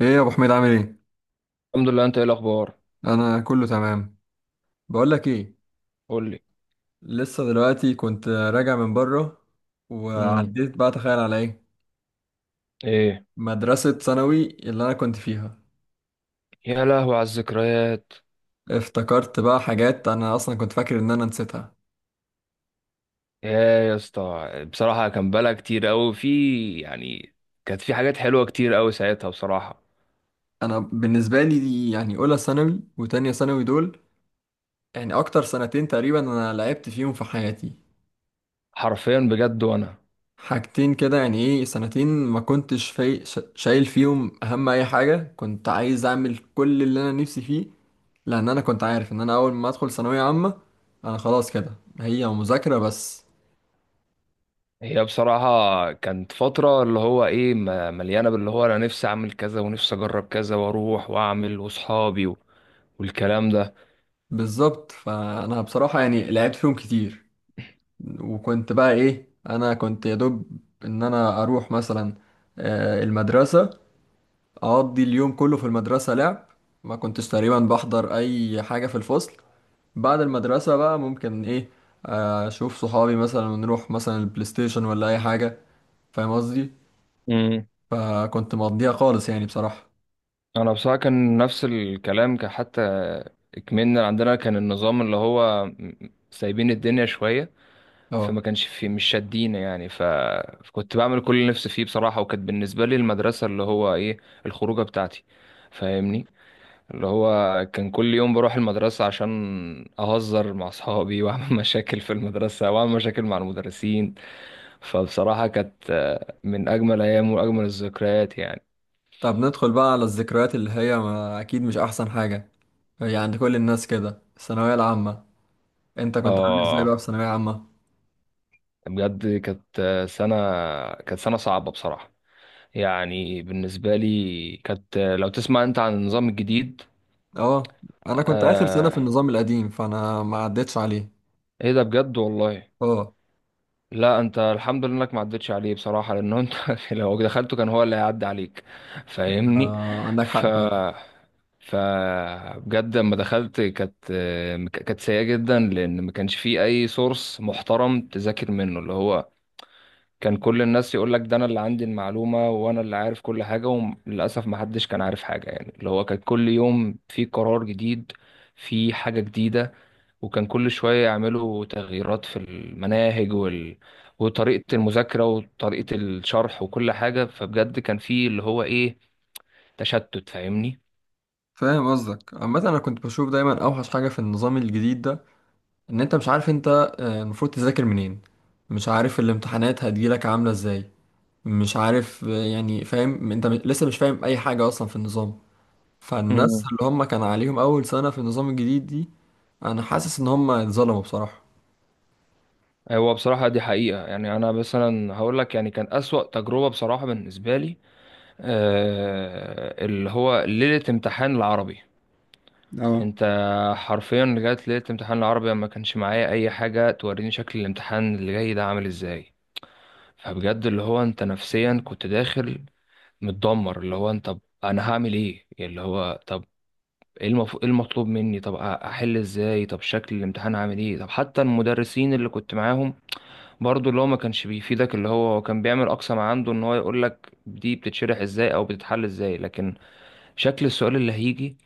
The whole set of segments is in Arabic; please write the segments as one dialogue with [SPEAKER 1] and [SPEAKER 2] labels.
[SPEAKER 1] ايه يا ابو حميد عامل ايه؟
[SPEAKER 2] الحمد لله، انت ايه الاخبار؟
[SPEAKER 1] انا كله تمام. بقول لك ايه.
[SPEAKER 2] قول لي.
[SPEAKER 1] لسه دلوقتي كنت راجع من بره
[SPEAKER 2] امم.
[SPEAKER 1] وعديت بقى تخيل على ايه،
[SPEAKER 2] ايه.
[SPEAKER 1] مدرسة ثانوي اللي انا كنت فيها.
[SPEAKER 2] يا لهوي على الذكريات!
[SPEAKER 1] افتكرت بقى حاجات انا اصلا كنت فاكر ان انا نسيتها.
[SPEAKER 2] يا يا اسطى، بصراحه كان بلا كتير قوي في، يعني. كانت في حاجات حلوه كتير قوي ساعتها، بصراحه.
[SPEAKER 1] انا بالنسبة لي دي يعني اولى ثانوي وتانية ثانوي دول، يعني اكتر سنتين تقريبا انا لعبت فيهم في حياتي.
[SPEAKER 2] حرفيا، بجد، وانا.
[SPEAKER 1] حاجتين كده يعني ايه سنتين ما كنتش في... شايل فيهم اهم اي حاجة كنت عايز اعمل كل اللي انا نفسي فيه. لان انا كنت عارف ان انا اول ما ادخل ثانويه عامه انا خلاص كده هي مذاكره بس.
[SPEAKER 2] هي بصراحه كانت فتره اللي هو ايه، مليانه باللي هو انا نفسي اعمل كذا ونفسي اجرب كذا واروح واعمل واصحابي والكلام ده.
[SPEAKER 1] بالظبط فانا بصراحه يعني لعبت فيهم كتير. وكنت بقى ايه انا كنت يا دوب ان انا اروح مثلا المدرسه، اقضي اليوم كله في المدرسه لعب. ما كنتش تقريبا بحضر اي حاجه في الفصل. بعد المدرسه بقى ممكن ايه، اشوف صحابي مثلا ونروح مثلا البلاي ستيشن ولا اي حاجه. فاهم قصدي؟
[SPEAKER 2] امم.
[SPEAKER 1] فكنت مقضيها خالص يعني بصراحه.
[SPEAKER 2] انا بصراحه كان نفس الكلام، كان حتى كمان عندنا كان النظام اللي هو سايبين الدنيا شويه.
[SPEAKER 1] اه.
[SPEAKER 2] فما كانش في، مش شادين يعني فكنت بعمل كل اللي نفسي فيه بصراحة، وكانت بالنسبة لي المدرسة اللي هو ايه الخروجة بتاعتي، فاهمني. اللي هو كان كل يوم بروح المدرسة عشان أهزر مع أصحابي وأعمل مشاكل في المدرسة وأعمل مشاكل مع المدرسين. فبصراحة كانت من أجمل أيام وأجمل الذكريات، يعني.
[SPEAKER 1] طب ندخل بقى على الذكريات اللي هي ما أكيد مش أحسن حاجة، هي عند كل الناس كده الثانوية العامة. أنت كنت عامل إزاي بقى
[SPEAKER 2] آه.
[SPEAKER 1] في ثانوية عامة؟
[SPEAKER 2] بجد كانت سنة، كانت سنة صعبة بصراحة. يعني بالنسبة لي كانت لو تسمع انت عن النظام الجديد.
[SPEAKER 1] أه. أنا كنت آخر سنة في
[SPEAKER 2] آه.
[SPEAKER 1] النظام القديم فأنا ما عدتش عليه.
[SPEAKER 2] ايه ده بجد والله.
[SPEAKER 1] أه.
[SPEAKER 2] لا، انت الحمد لله انك ما عدتش عليه بصراحة، لان انت لو دخلته كان هو اللي هيعدي عليك، فاهمني.
[SPEAKER 1] عندك
[SPEAKER 2] ف
[SPEAKER 1] حق فعلا.
[SPEAKER 2] ف بجد لما دخلت كانت سيئة جدا، لان ما كانش فيه اي سورس محترم تذاكر منه. اللي هو كان كل الناس يقول لك ده انا اللي عندي المعلومة وانا اللي عارف كل حاجة، وللاسف ما حدش كان عارف حاجة، يعني اللي هو كان كل يوم في قرار جديد، في حاجة جديدة. وكان كل شوية يعملوا تغييرات في المناهج وطريقة المذاكرة وطريقة الشرح وكل حاجة. فبجد كان في اللي هو ايه تشتت، فاهمني.
[SPEAKER 1] فاهم قصدك. عامة أنا كنت بشوف دايما أوحش حاجة في النظام الجديد ده، إن أنت مش عارف أنت المفروض تذاكر منين، مش عارف الامتحانات هتجيلك عاملة إزاي، مش عارف يعني فاهم أنت لسه مش فاهم أي حاجة أصلا في النظام. فالناس
[SPEAKER 2] امم.
[SPEAKER 1] اللي هم كان عليهم اول سنة في النظام الجديد دي، انا حاسس ان هم اتظلموا بصراحة.
[SPEAKER 2] هو بصراحة دي حقيقة، يعني أنا مثلا هقول لك يعني كان أسوأ تجربة بصراحة بالنسبة لي، اللي هو ليلة امتحان العربي.
[SPEAKER 1] اه.
[SPEAKER 2] انت حرفيا رجعت لقيت امتحان العربي ما كانش معايا اي حاجه توريني شكل الامتحان اللي جاي ده عامل ازاي. فبجد اللي هو انت نفسيا كنت داخل متدمر. اللي هو انت طب انا هعمل ايه، يعني اللي هو طب ايه المطلوب مني، طب احل ازاي، طب شكل الامتحان عامل ايه، طب حتى المدرسين اللي كنت معاهم برضو اللي هو ما كانش بيفيدك. اللي هو كان بيعمل اقصى ما عنده ان هو يقول لك دي بتتشرح ازاي او بتتحل ازاي، لكن شكل السؤال اللي هيجي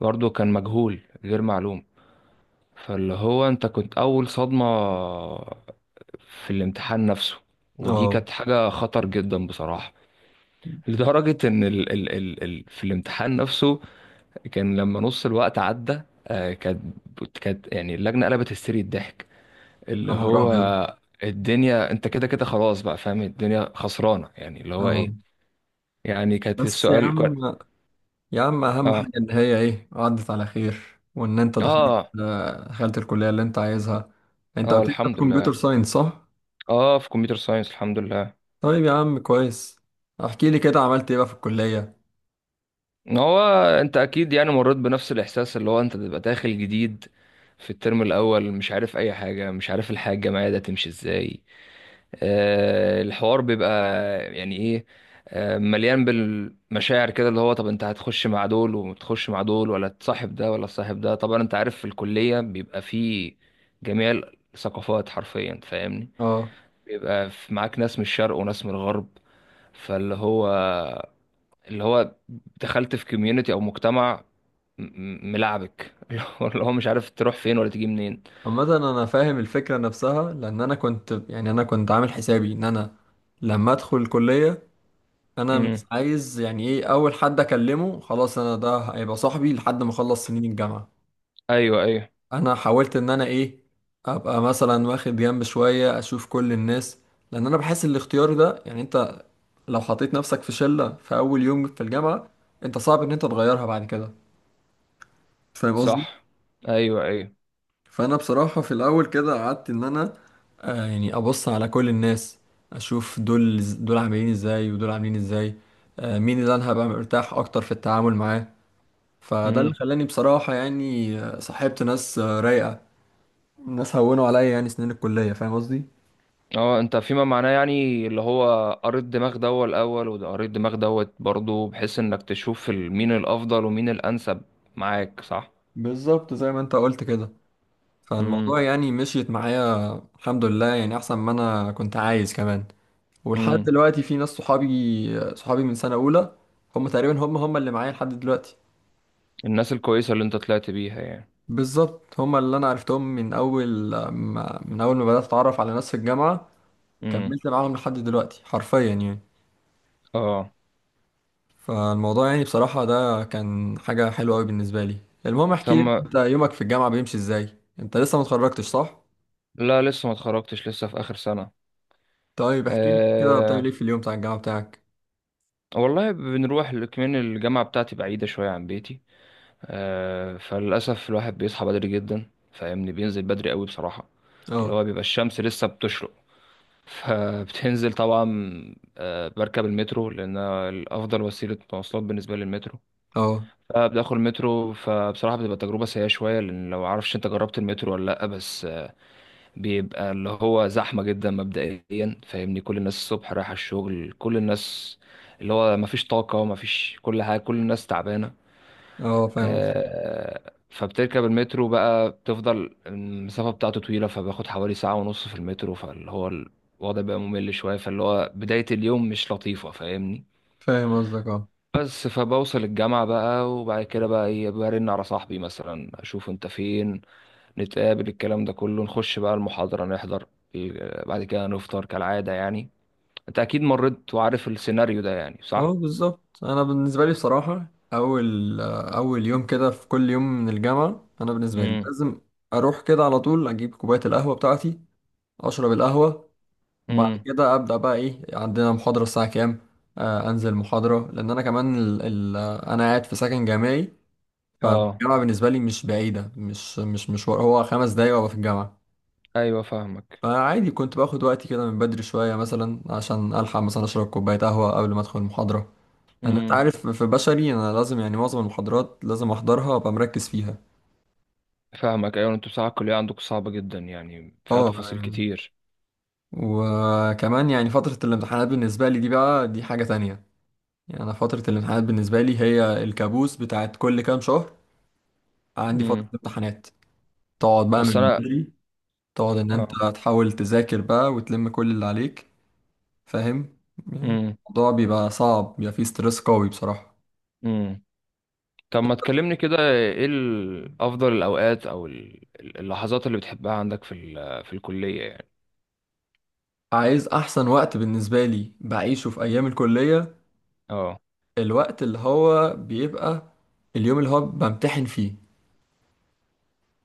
[SPEAKER 2] برضو كان مجهول غير معلوم. فاللي هو انت كنت اول صدمة في الامتحان نفسه، ودي
[SPEAKER 1] اه.
[SPEAKER 2] كانت حاجة خطر جدا بصراحة. لدرجة ان ال في الامتحان نفسه، كان لما نص الوقت عدى آه، كانت كانت يعني اللجنة قلبت هستيري الضحك، اللي
[SPEAKER 1] يا نهار
[SPEAKER 2] هو
[SPEAKER 1] ابيض!
[SPEAKER 2] الدنيا انت كده كده خلاص بقى فاهم الدنيا خسرانة، يعني اللي هو
[SPEAKER 1] اه.
[SPEAKER 2] ايه. يعني كانت
[SPEAKER 1] بس يا
[SPEAKER 2] السؤال
[SPEAKER 1] عم، يا عم اهم
[SPEAKER 2] اه،
[SPEAKER 1] حاجة ان هي ايه عدت على خير وان انت دخلت
[SPEAKER 2] اه،
[SPEAKER 1] آه، دخلت الكلية اللي انت عايزها. انت
[SPEAKER 2] اه،
[SPEAKER 1] قلت لي انت في
[SPEAKER 2] الحمد
[SPEAKER 1] كمبيوتر
[SPEAKER 2] لله.
[SPEAKER 1] ساينس صح؟
[SPEAKER 2] اه، في كمبيوتر ساينس، الحمد لله.
[SPEAKER 1] طيب يا عم كويس. احكي لي كده عملت ايه بقى في الكلية.
[SPEAKER 2] هو انت اكيد يعني مريت بنفس الاحساس اللي هو انت بتبقى داخل جديد في الترم الاول، مش عارف اي حاجه، مش عارف الحياه الجامعيه ده تمشي ازاي. الحوار بيبقى يعني ايه، مليان بالمشاعر كده. اللي هو طب انت هتخش مع دول وتخش مع دول، ولا تصاحب ده ولا تصاحب ده. طبعا انت عارف في الكليه بيبقى فيه جميع الثقافات حرفيا، فاهمني.
[SPEAKER 1] اه.
[SPEAKER 2] بيبقى معاك ناس من الشرق وناس من الغرب. فاللي هو اللي هو دخلت في كوميونتي او مجتمع ملعبك. اللي هو مش عارف تروح فين ولا تيجي منين.
[SPEAKER 1] عامة انا فاهم الفكرة نفسها، لان انا كنت عامل حسابي ان انا لما ادخل الكلية انا مش
[SPEAKER 2] امم.
[SPEAKER 1] عايز يعني ايه اول حد اكلمه خلاص انا ده هيبقى صاحبي لحد ما اخلص سنين الجامعه.
[SPEAKER 2] ايوه، ايوه.
[SPEAKER 1] انا حاولت ان انا ايه ابقى مثلا واخد جنب شويه اشوف كل الناس. لان انا بحس الاختيار ده يعني انت لو حطيت نفسك في شله في اول يوم في الجامعه انت صعب ان انت تغيرها بعد كده. فاهم قصدي؟
[SPEAKER 2] صح. ايوه، ايوه.
[SPEAKER 1] فانا بصراحه في الاول كده قعدت ان انا يعني ابص على كل الناس، اشوف دول عاملين ازاي ودول عاملين ازاي، مين اللي انا هبقى مرتاح اكتر في التعامل معاه. فده اللي
[SPEAKER 2] امم.
[SPEAKER 1] خلاني بصراحة يعني صاحبت ناس رايقة، ناس هونوا عليا يعني سنين الكلية. فاهم قصدي؟
[SPEAKER 2] اه، انت فيما معناه يعني اللي هو قريت دماغ دوت الاول، وده قريت دماغ دوت برضه، بحيث انك تشوف مين الافضل ومين الانسب معاك، صح.
[SPEAKER 1] بالظبط زي ما انت قلت كده.
[SPEAKER 2] امم،
[SPEAKER 1] فالموضوع يعني مشيت معايا الحمد لله يعني أحسن ما أنا كنت عايز كمان. ولحد
[SPEAKER 2] امم.
[SPEAKER 1] دلوقتي في ناس صحابي من سنة أولى، هم تقريبا هم اللي معايا لحد دلوقتي.
[SPEAKER 2] الناس الكويسه اللي انت طلعت بيها، يعني.
[SPEAKER 1] بالظبط هم اللي أنا عرفتهم من أول ما بدأت أتعرف على ناس في الجامعة،
[SPEAKER 2] امم.
[SPEAKER 1] كملت معاهم لحد دلوقتي حرفيا يعني.
[SPEAKER 2] اه.
[SPEAKER 1] فالموضوع يعني بصراحة ده كان حاجة حلوة أوي بالنسبة لي. المهم احكي لي
[SPEAKER 2] تم.
[SPEAKER 1] انت يومك في الجامعة بيمشي ازاي، انت لسه ما اتخرجتش صح؟
[SPEAKER 2] لا، لسه ما اتخرجتش، لسه في اخر سنه.
[SPEAKER 1] طيب احكي لي كده بتعمل
[SPEAKER 2] أه،
[SPEAKER 1] ايه في اليوم بتاع الجامعة بتاعك.
[SPEAKER 2] والله بنروح كمان الجامعة بتاعتي بعيدة شوية عن بيتي. فللأسف الواحد بيصحى بدري جدا، فاهمني، بينزل بدري قوي بصراحة. اللي
[SPEAKER 1] اه،
[SPEAKER 2] هو بيبقى الشمس لسه بتشرق. فبتنزل طبعا. بركب المترو لأن الأفضل وسيلة مواصلات بالنسبة لي المترو.
[SPEAKER 1] اه،
[SPEAKER 2] فبدخل المترو، فبصراحة بتبقى تجربة سيئة شوية لأن لو معرفش أنت جربت المترو ولا لأ، بس بيبقى اللي هو زحمة جدا مبدئيا، فاهمني. كل الناس الصبح رايحة الشغل، كل الناس اللي هو مفيش طاقة، مفيش كل حاجة، كل الناس تعبانة.
[SPEAKER 1] اه. فاهم قصدك.
[SPEAKER 2] فبتركب المترو بقى، بتفضل المسافة بتاعته طويلة فباخد حوالي ساعة ونص في المترو، فاللي هو الوضع بقى ممل شوية، فاللي هو بداية اليوم مش لطيفة، فاهمني.
[SPEAKER 1] فاهم قصدك. اه،
[SPEAKER 2] بس فبوصل الجامعة بقى، وبعد كده بقى ايه برن على صاحبي مثلا اشوف انت فين، نتقابل، الكلام ده كله، نخش بقى المحاضرة، نحضر. بعد كده نفطر كالعادة، يعني انت اكيد مريت وعارف السيناريو ده، يعني
[SPEAKER 1] اه.
[SPEAKER 2] صح؟
[SPEAKER 1] بالظبط. انا بالنسبة لي بصراحة اول يوم كده في كل يوم من الجامعة انا بالنسبة لي
[SPEAKER 2] امم،
[SPEAKER 1] لازم اروح كده على طول اجيب كوباية القهوة بتاعتي، اشرب القهوة. بعد
[SPEAKER 2] امم.
[SPEAKER 1] كده ابدا بقى ايه عندنا محاضره الساعه كام. انزل محاضره لان انا كمان ال ال انا قاعد في سكن جامعي،
[SPEAKER 2] اه.
[SPEAKER 1] فالجامعه بالنسبه لي مش بعيده، مش مشوار، هو 5 دقايق وابقى في الجامعه.
[SPEAKER 2] ايوه، فاهمك.
[SPEAKER 1] فعادي كنت باخد وقتي كده من بدري شويه مثلا عشان الحق مثلا اشرب كوبايه قهوه قبل ما ادخل المحاضره. لان انت
[SPEAKER 2] امم.
[SPEAKER 1] عارف في بشري انا لازم يعني معظم المحاضرات لازم احضرها وابقى مركز فيها.
[SPEAKER 2] فاهمك، ايوه، انتوا بصراحة الكلية عندكم صعبة جدا يعني، فيها
[SPEAKER 1] اه
[SPEAKER 2] تفاصيل
[SPEAKER 1] يعني.
[SPEAKER 2] كتير.
[SPEAKER 1] وكمان يعني فتره الامتحانات بالنسبه لي دي بقى دي حاجه تانية، يعني أنا فترة الامتحانات بالنسبة لي هي الكابوس بتاعت كل كام شهر. عندي فترة
[SPEAKER 2] امم.
[SPEAKER 1] امتحانات تقعد بقى
[SPEAKER 2] اصل
[SPEAKER 1] من
[SPEAKER 2] انا.
[SPEAKER 1] بدري، تقعد إن أنت
[SPEAKER 2] اه.
[SPEAKER 1] تحاول تذاكر بقى وتلم كل اللي عليك، فاهم يعني.
[SPEAKER 2] امم،
[SPEAKER 1] الموضوع بيبقى صعب، بيبقى فيه ستريس قوي بصراحة.
[SPEAKER 2] امم. طب ما تكلمني كده ايه افضل الاوقات او اللحظات اللي بتحبها عندك في في الكلية، يعني.
[SPEAKER 1] عايز أحسن وقت بالنسبة لي بعيشه في أيام الكلية؟
[SPEAKER 2] اه.
[SPEAKER 1] الوقت اللي هو بيبقى اليوم اللي هو بمتحن فيه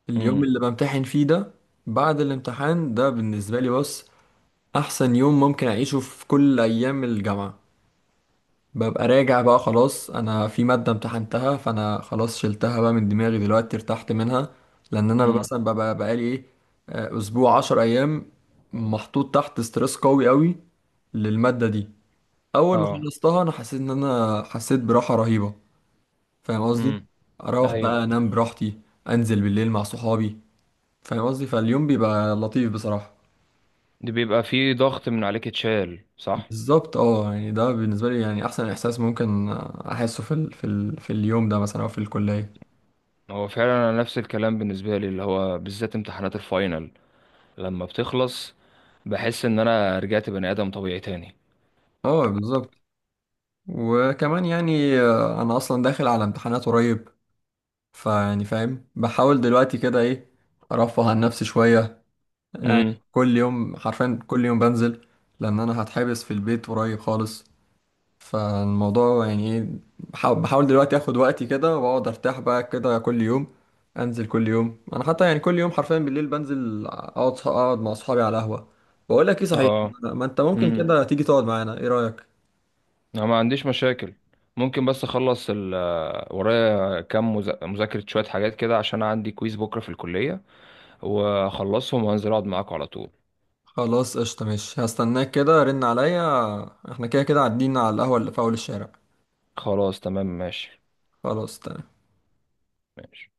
[SPEAKER 1] اليوم
[SPEAKER 2] امم،
[SPEAKER 1] اللي بمتحن فيه ده، بعد الامتحان ده بالنسبة لي بص، أحسن يوم ممكن أعيشه في كل أيام الجامعة. ببقى راجع بقى خلاص انا في مادة امتحنتها فانا خلاص شلتها بقى من دماغي دلوقتي ارتحت منها. لان انا
[SPEAKER 2] امم.
[SPEAKER 1] مثلا ببقى بقالي ايه اسبوع 10 ايام محطوط تحت ستريس قوي قوي للمادة دي. اول ما
[SPEAKER 2] اه.
[SPEAKER 1] خلصتها انا حسيت ان انا حسيت براحة رهيبة. فاهم قصدي؟
[SPEAKER 2] امم.
[SPEAKER 1] اروح
[SPEAKER 2] ايوه،
[SPEAKER 1] بقى انام براحتي، انزل بالليل مع صحابي. فاهم قصدي؟ فاليوم بيبقى لطيف بصراحة.
[SPEAKER 2] دي بيبقى فيه ضغط من عليك اتشال، صح.
[SPEAKER 1] بالظبط اه يعني ده بالنسبة لي يعني احسن احساس ممكن احسه في اليوم ده مثلا او في الكلية.
[SPEAKER 2] هو فعلا انا نفس الكلام بالنسبه لي اللي هو بالذات امتحانات الفاينل لما بتخلص بحس ان انا رجعت بني ادم طبيعي تاني.
[SPEAKER 1] اه بالظبط. وكمان يعني انا اصلا داخل على امتحانات قريب، فيعني فاهم بحاول دلوقتي كده ايه ارفه عن نفسي شويه يعني.
[SPEAKER 2] امم.
[SPEAKER 1] كل يوم حرفيا كل يوم بنزل، لان انا هتحبس في البيت قريب خالص. فالموضوع يعني ايه، بحاول دلوقتي اخد وقتي كده واقعد ارتاح بقى كده كل يوم، انزل كل يوم انا حتى يعني كل يوم حرفيا بالليل بنزل اقعد مع اصحابي على قهوه. بقول لك ايه صحيح،
[SPEAKER 2] اه.
[SPEAKER 1] ما انت ممكن
[SPEAKER 2] امم.
[SPEAKER 1] كده تيجي تقعد معانا، ايه رايك؟
[SPEAKER 2] انا ما عنديش مشاكل. ممكن بس اخلص ال آه، ورايا كام مذاكره شويه حاجات كده عشان عندي كويز بكره في الكليه، واخلصهم وانزل اقعد معاكم على طول.
[SPEAKER 1] خلاص قشطة ماشي هستناك كده، رن عليا. احنا كده كده عدينا على القهوة اللي في أول الشارع.
[SPEAKER 2] خلاص، تمام، ماشي.
[SPEAKER 1] خلاص تمام.
[SPEAKER 2] ماشي.